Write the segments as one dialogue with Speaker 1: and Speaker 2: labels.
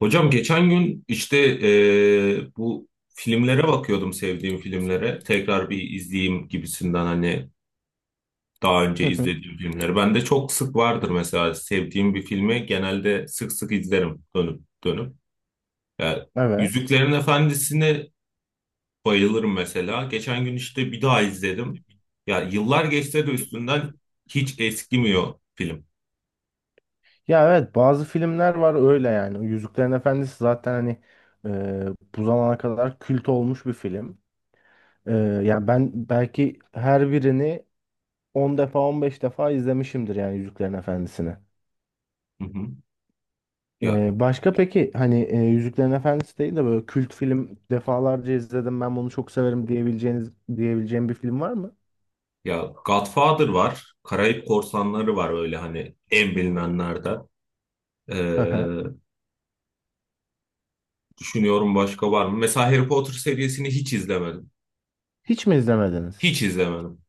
Speaker 1: Hocam geçen gün bu filmlere bakıyordum, sevdiğim filmlere. Tekrar bir izleyeyim gibisinden, hani daha önce
Speaker 2: Hı hı.
Speaker 1: izlediğim filmleri. Ben de çok sık vardır, mesela sevdiğim bir filmi genelde sık sık izlerim dönüp dönüp. Yani
Speaker 2: Evet.
Speaker 1: Yüzüklerin Efendisi'ni bayılırım mesela. Geçen gün işte bir daha izledim. Ya yıllar geçse de üstünden hiç eskimiyor film.
Speaker 2: Ya evet bazı filmler var öyle yani. Yüzüklerin Efendisi zaten hani e, bu zamana kadar kült olmuş bir film. E, yani ben belki her birini 10 defa 15 defa izlemişimdir yani Yüzüklerin Efendisi'ni.
Speaker 1: Hı hı. Ya,
Speaker 2: Başka peki hani Yüzüklerin Efendisi değil de böyle kült film defalarca izledim ben bunu çok severim diyebileceğim bir film var mı?
Speaker 1: ya Godfather var, Karayip Korsanları var, öyle hani en bilinenlerden.
Speaker 2: Hı
Speaker 1: Ee,
Speaker 2: hı.
Speaker 1: düşünüyorum, başka var mı? Mesela Harry Potter serisini hiç izlemedim.
Speaker 2: Hiç mi izlemediniz?
Speaker 1: Hiç izlemedim.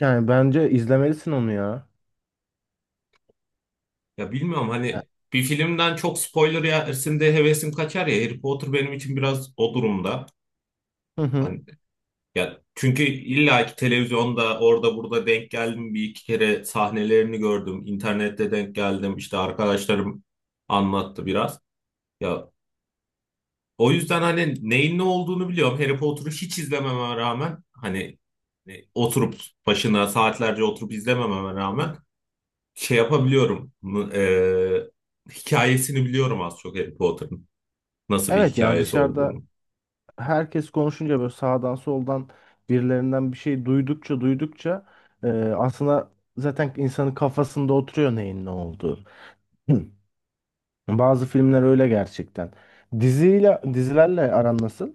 Speaker 2: Yani bence izlemelisin onu ya.
Speaker 1: Ya bilmiyorum,
Speaker 2: Ya-
Speaker 1: hani bir filmden çok spoiler yersin de hevesim kaçar ya. Harry Potter benim için biraz o durumda.
Speaker 2: Hı hı.
Speaker 1: Hani, ya çünkü illa ki televizyonda, orada burada denk geldim, bir iki kere sahnelerini gördüm. İnternette denk geldim. İşte arkadaşlarım anlattı biraz. Ya, o yüzden hani neyin ne olduğunu biliyorum. Harry Potter'ı hiç izlememe rağmen, hani oturup başına saatlerce oturup izlemememe rağmen şey yapabiliyorum. Hikayesini biliyorum az çok Harry Potter'ın. Nasıl bir
Speaker 2: Evet ya
Speaker 1: hikayesi
Speaker 2: dışarıda
Speaker 1: olduğunu.
Speaker 2: herkes konuşunca böyle sağdan soldan birilerinden bir şey duydukça duydukça e, aslında zaten insanın kafasında oturuyor neyin ne olduğu. Hı. Bazı filmler öyle gerçekten. Dizilerle aran nasıl?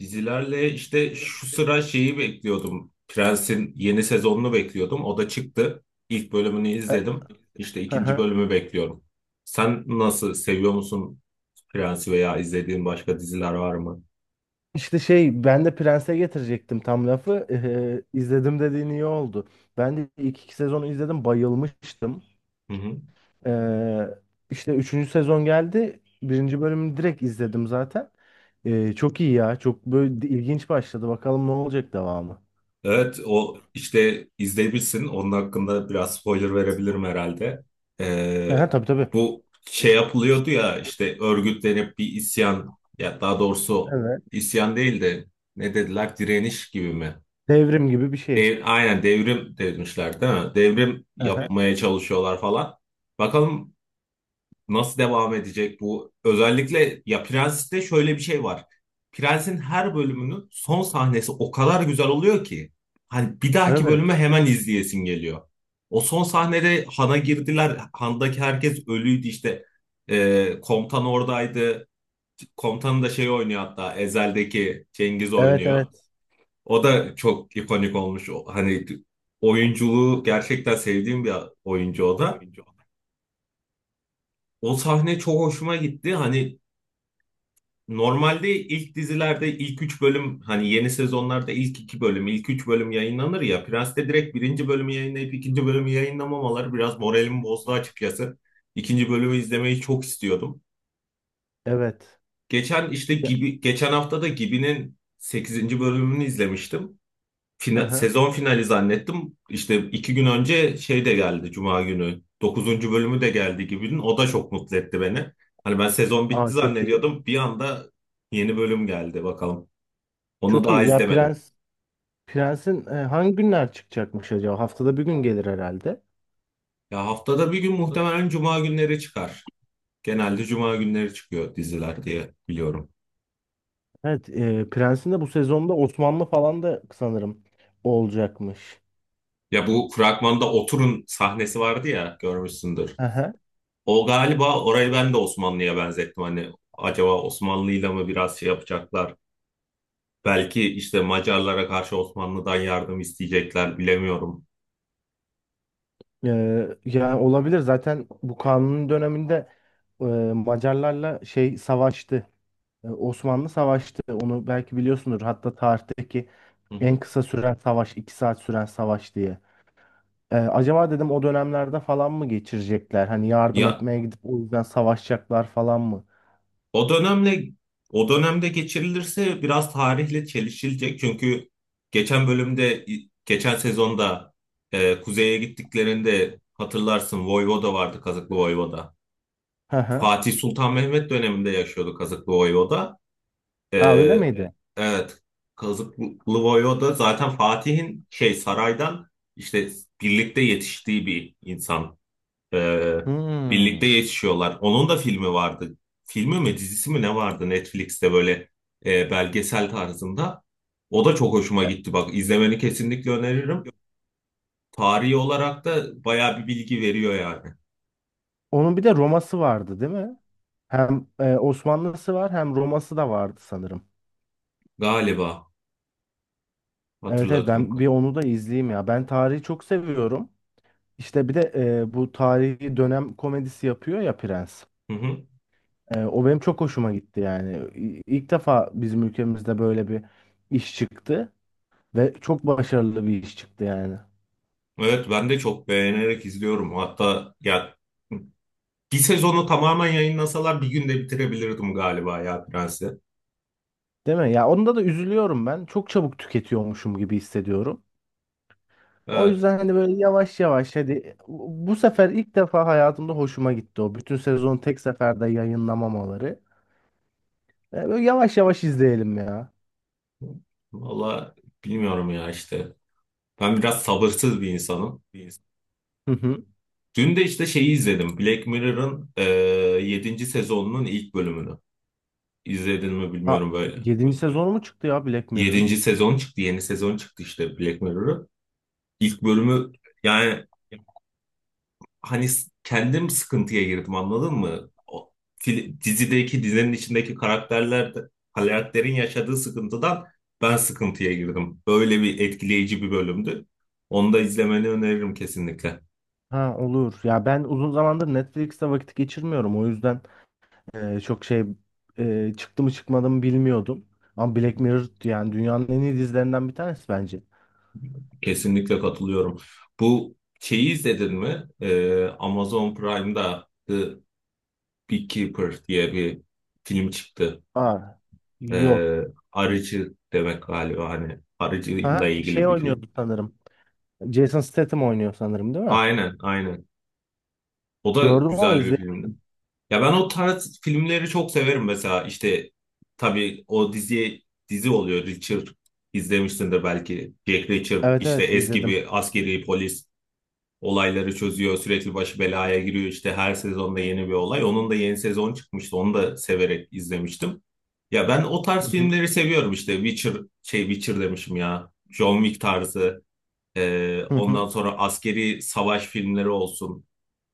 Speaker 1: Dizilerle işte şu sıra şeyi bekliyordum. Prens'in yeni sezonunu bekliyordum. O da çıktı. İlk bölümünü
Speaker 2: E,
Speaker 1: izledim. İşte
Speaker 2: hı
Speaker 1: ikinci
Speaker 2: hı.
Speaker 1: bölümü bekliyorum. Sen nasıl, seviyor musun Prens'i veya izlediğin başka diziler var mı?
Speaker 2: İşte şey ben de Prens'e getirecektim tam lafı. E, e, izledim dediğin iyi oldu. Ben de ilk iki sezonu izledim bayılmıştım.
Speaker 1: Hı hı.
Speaker 2: Ee, işte üçüncü sezon geldi. Birinci bölümünü direkt izledim zaten. Çok iyi ya. Çok böyle ilginç başladı. Bakalım ne olacak devamı.
Speaker 1: Evet, o işte izleyebilirsin. Onun hakkında biraz spoiler verebilirim herhalde. Ee,
Speaker 2: Ha, tabii tabii.
Speaker 1: bu şey yapılıyordu ya, işte örgütlenip bir isyan, ya daha doğrusu
Speaker 2: Evet.
Speaker 1: isyan değil de ne dediler, direniş gibi mi?
Speaker 2: Devrim gibi bir şey.
Speaker 1: Dev- aynen devrim demişler değil mi? Devrim
Speaker 2: Ha,
Speaker 1: yapmaya çalışıyorlar falan. Bakalım nasıl devam edecek bu? Özellikle ya Prens'te şöyle bir şey var. Prens'in her bölümünün son sahnesi o kadar güzel oluyor ki hani bir dahaki bölümü
Speaker 2: evet.
Speaker 1: hemen izleyesin geliyor. O son sahnede Han'a girdiler. Han'daki herkes ölüydü işte. Komutan oradaydı. Komutanı da şey oynuyor, hatta Ezel'deki Cengiz
Speaker 2: Evet,
Speaker 1: oynuyor.
Speaker 2: evet.
Speaker 1: O da çok ikonik olmuş. O- hani oyunculuğu gerçekten sevdiğim bir oyuncu o da. O sahne çok hoşuma gitti. Hani normalde ilk dizilerde ilk üç bölüm, hani yeni sezonlarda ilk iki bölüm, ilk üç bölüm yayınlanır ya. Prens'te direkt birinci bölümü yayınlayıp ikinci bölümü yayınlamamaları biraz moralimi bozdu açıkçası. İkinci bölümü izlemeyi çok istiyordum.
Speaker 2: Evet.
Speaker 1: Geçen işte
Speaker 2: Ya,
Speaker 1: gibi geçen hafta da Gibi'nin sekizinci bölümünü izlemiştim.
Speaker 2: hı
Speaker 1: Fina-
Speaker 2: hı.
Speaker 1: sezon finali zannettim. İşte iki gün önce şey de geldi, Cuma günü dokuzuncu bölümü de geldi Gibi'nin. O da çok mutlu etti beni. Hani ben sezon bitti
Speaker 2: Aa, çok iyi.
Speaker 1: zannediyordum. Bir anda yeni bölüm geldi, bakalım. Onu
Speaker 2: Çok
Speaker 1: daha
Speaker 2: iyi. Ya
Speaker 1: izlemedim.
Speaker 2: Prens'in hangi günler çıkacakmış acaba? Haftada bir gün gelir herhalde.
Speaker 1: Ya haftada bir gün, muhtemelen cuma günleri çıkar. Genelde cuma günleri çıkıyor diziler diye biliyorum.
Speaker 2: Evet, Prens'in de bu sezonda Osmanlı falan da sanırım olacakmış.
Speaker 1: Ya bu fragmanda Otur'un sahnesi vardı ya, görmüşsündür. O galiba, orayı ben de Osmanlı'ya benzettim. Hani acaba Osmanlı'yla mı biraz şey yapacaklar? Belki işte Macarlara karşı Osmanlı'dan yardım isteyecekler, bilemiyorum.
Speaker 2: Yani olabilir zaten bu kanunun döneminde e, Macarlarla şey savaştı. Osmanlı savaştı. Onu belki biliyorsundur. Hatta tarihteki
Speaker 1: Hı
Speaker 2: en
Speaker 1: hı.
Speaker 2: kısa süren savaş, 2 saat süren savaş diye. Acaba dedim o dönemlerde falan mı geçirecekler? Hani yardım
Speaker 1: Ya,
Speaker 2: etmeye gidip o yüzden savaşacaklar falan mı?
Speaker 1: O dönemle o dönemde geçirilirse biraz tarihle çelişilecek. Çünkü geçen bölümde geçen sezonda e, kuzeye gittiklerinde hatırlarsın Voyvoda vardı, Kazıklı Voyvoda.
Speaker 2: Hı hı.
Speaker 1: Fatih Sultan Mehmet döneminde yaşıyordu Kazıklı Voyvoda. E,
Speaker 2: Ha, öyle miydi?
Speaker 1: evet, Kazıklı Voyvoda zaten Fatih'in şey, saraydan işte birlikte yetiştiği bir insan. Ee, birlikte
Speaker 2: Hmm.
Speaker 1: yetişiyorlar. Onun da filmi vardı. Filmi mi dizisi mi ne vardı Netflix'te, böyle e, belgesel tarzında. O da çok hoşuma
Speaker 2: E,
Speaker 1: gitti. Bak, izlemeni kesinlikle öneririm. Tarihi olarak da bayağı bir bilgi veriyor yani.
Speaker 2: Onun bir de Roma'sı vardı, değil mi? Hem Osmanlı'sı var, hem Roma'sı da vardı sanırım.
Speaker 1: Galiba,
Speaker 2: Evet, evet,
Speaker 1: hatırladığım
Speaker 2: ben bir
Speaker 1: kadar.
Speaker 2: onu da izleyeyim ya. Ben tarihi çok seviyorum. İşte bir de bu tarihi dönem komedisi yapıyor ya Prens.
Speaker 1: Hı hı.
Speaker 2: O benim çok hoşuma gitti yani. İlk defa bizim ülkemizde böyle bir iş çıktı ve çok başarılı bir iş çıktı yani.
Speaker 1: Evet, ben de çok beğenerek izliyorum. Hatta ya bir sezonu tamamen yayınlasalar bir günde bitirebilirdim galiba ya Prens'i.
Speaker 2: Değil mi? Ya onda da üzülüyorum ben. Çok çabuk tüketiyormuşum gibi hissediyorum. O
Speaker 1: Evet.
Speaker 2: yüzden hani böyle yavaş yavaş hadi bu sefer ilk defa hayatımda hoşuma gitti o. Bütün sezon tek seferde yayınlamamaları. Böyle yavaş yavaş izleyelim ya.
Speaker 1: Valla bilmiyorum ya, işte. Ben biraz sabırsız bir insanım.
Speaker 2: Hı hı.
Speaker 1: Dün de işte şeyi izledim, Black Mirror'ın yedinci sezonunun ilk bölümünü. İzledin mi bilmiyorum böyle.
Speaker 2: 7. sezonu mu çıktı ya Black Mirror'ın?
Speaker 1: Yedinci sezon çıktı. Yeni sezon çıktı işte Black Mirror'ın. İlk bölümü, yani hani s- kendim sıkıntıya girdim, anladın mı? O, fil- dizinin içindeki karakterler de- karakterin yaşadığı sıkıntıdan ben sıkıntıya girdim. Böyle bir etkileyici bir bölümdü. Onu da izlemeni öneririm kesinlikle.
Speaker 2: Ha, olur. Ya ben uzun zamandır Netflix'te vakit geçirmiyorum. O yüzden çok şey çıktı mı çıkmadı mı bilmiyordum. Ama Black Mirror yani dünyanın en iyi dizilerinden bir tanesi bence.
Speaker 1: Kesinlikle katılıyorum. Bu şeyi izledin mi? Amazon Prime'da The Beekeeper diye bir film çıktı.
Speaker 2: Aa, yok.
Speaker 1: Ee, arıcı demek galiba, hani arıcıyla
Speaker 2: Ha, şey
Speaker 1: ilgili bir film.
Speaker 2: oynuyordu sanırım. Jason Statham oynuyor sanırım, değil mi?
Speaker 1: Aynen, aynen. O da
Speaker 2: Gördüm ama
Speaker 1: güzel bir
Speaker 2: izledim.
Speaker 1: filmdi. Ya ben o tarz filmleri çok severim mesela. İşte tabii o diziye, dizi oluyor Richard, izlemişsindir belki. Jack Reacher,
Speaker 2: Evet,
Speaker 1: işte
Speaker 2: evet,
Speaker 1: eski
Speaker 2: izledim.
Speaker 1: bir askeri polis, olayları çözüyor. Sürekli başı belaya giriyor. İşte her sezonda yeni bir olay. Onun da yeni sezon çıkmıştı. Onu da severek izlemiştim. Ya ben o
Speaker 2: Hı
Speaker 1: tarz
Speaker 2: hı.
Speaker 1: filmleri seviyorum işte. Witcher, şey, Witcher demişim ya, John Wick tarzı.
Speaker 2: Hı
Speaker 1: Ondan
Speaker 2: hı.
Speaker 1: sonra askeri savaş filmleri olsun.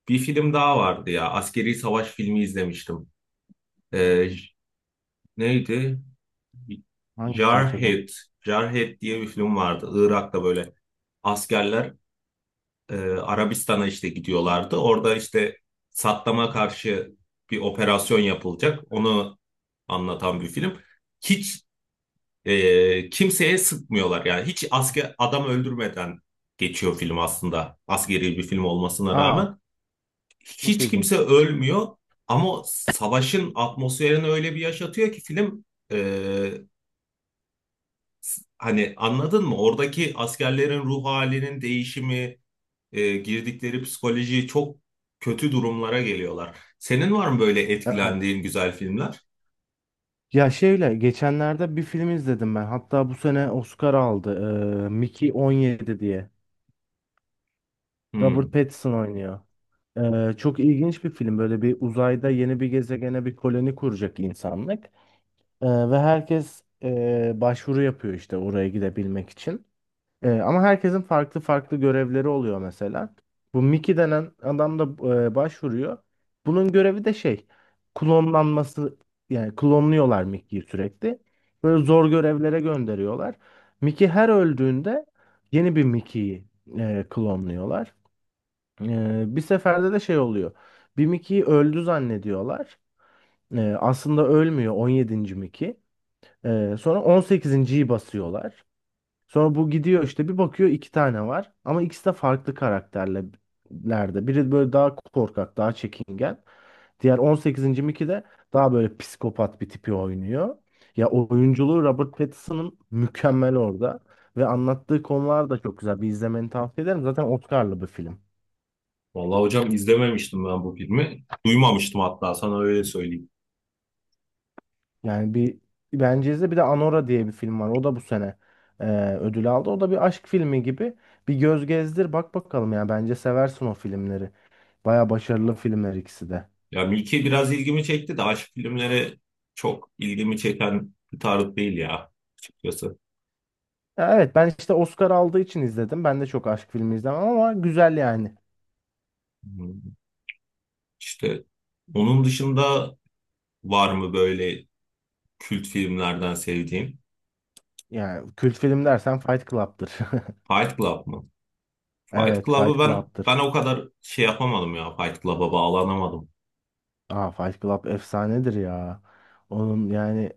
Speaker 1: Bir film daha vardı ya, askeri savaş filmi izlemiştim. Ee, j- neydi?
Speaker 2: Hangisi acaba?
Speaker 1: Jarhead. Jarhead diye bir film vardı. Irak'ta böyle askerler e, Arabistan'a işte gidiyorlardı. Orada işte Saddam'a karşı bir operasyon yapılacak. Onu anlatan bir film. Hiç kimseye sıkmıyorlar. Yani hiç asker adam öldürmeden geçiyor film aslında. Askeri bir film olmasına
Speaker 2: Aa,
Speaker 1: rağmen
Speaker 2: çok
Speaker 1: hiç kimse
Speaker 2: ilginç.
Speaker 1: ölmüyor, ama savaşın atmosferini öyle bir yaşatıyor ki film e, hani anladın mı? Oradaki askerlerin ruh halinin değişimi, girdikleri psikolojiyi, çok kötü durumlara geliyorlar. Senin var mı böyle
Speaker 2: Evet.
Speaker 1: etkilendiğin güzel filmler?
Speaker 2: Ya şeyle geçenlerde bir film izledim ben. Hatta bu sene Oscar aldı. Mickey 17 diye. Robert
Speaker 1: Hmm.
Speaker 2: Pattinson oynuyor. Çok ilginç bir film. Böyle bir uzayda yeni bir gezegene bir koloni kuracak insanlık. Ve herkes başvuru yapıyor işte oraya gidebilmek için. Ama herkesin farklı farklı görevleri oluyor mesela. Bu Mickey denen adam da başvuruyor. Bunun görevi de şey, klonlanması, yani klonluyorlar Mickey'yi sürekli. Böyle zor görevlere gönderiyorlar. Mickey her öldüğünde yeni bir Mickey'yi klonluyorlar. Bir seferde de şey oluyor. Bir Mickey'yi öldü zannediyorlar. Aslında ölmüyor 17. Mickey. Sonra 18.yi basıyorlar. Sonra bu gidiyor, işte bir bakıyor iki tane var. Ama ikisi de farklı karakterlerde. Biri böyle daha korkak, daha çekingen. Diğer 18. Mickey de daha böyle psikopat bir tipi oynuyor. Ya oyunculuğu Robert Pattinson'ın mükemmel orada. Ve anlattığı konular da çok güzel. Bir izlemeni tavsiye ederim. Zaten Oscar'lı bir film.
Speaker 1: Vallahi hocam, izlememiştim ben bu filmi. Duymamıştım hatta, sana öyle söyleyeyim.
Speaker 2: Yani bir Bence'de bir de Anora diye bir film var. O da bu sene e, ödül aldı. O da bir aşk filmi gibi. Bir göz gezdir bak bakalım ya. Bence seversin o filmleri. Baya başarılı filmler ikisi de.
Speaker 1: Ya Milki biraz ilgimi çekti de, aşk filmleri çok ilgimi çeken bir tarz değil ya, açıkçası.
Speaker 2: Ya evet ben işte Oscar aldığı için izledim. Ben de çok aşk filmi izlemem ama güzel yani.
Speaker 1: Hmm. İşte onun dışında var mı böyle kült filmlerden sevdiğin?
Speaker 2: Yani kült film dersen Fight Club'tır.
Speaker 1: Fight Club mı? Fight
Speaker 2: Evet,
Speaker 1: Club'ı
Speaker 2: Fight
Speaker 1: ben
Speaker 2: Club'tır.
Speaker 1: ben o kadar şey yapamadım ya, Fight Club'a bağlanamadım.
Speaker 2: Aa, Fight Club efsanedir ya. Onun yani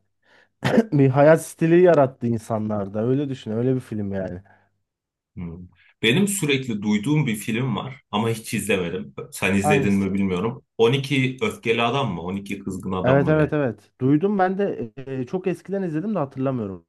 Speaker 2: bir hayat stili yarattı insanlarda. Öyle düşün, öyle bir film yani.
Speaker 1: Hmm. Benim sürekli duyduğum bir film var ama hiç izlemedim. Sen izledin
Speaker 2: Hangisi?
Speaker 1: mi bilmiyorum. 12 Öfkeli Adam mı? 12 Kızgın Adam
Speaker 2: Evet,
Speaker 1: mı
Speaker 2: evet,
Speaker 1: ne?
Speaker 2: evet. Duydum ben de, çok eskiden izledim de hatırlamıyorum.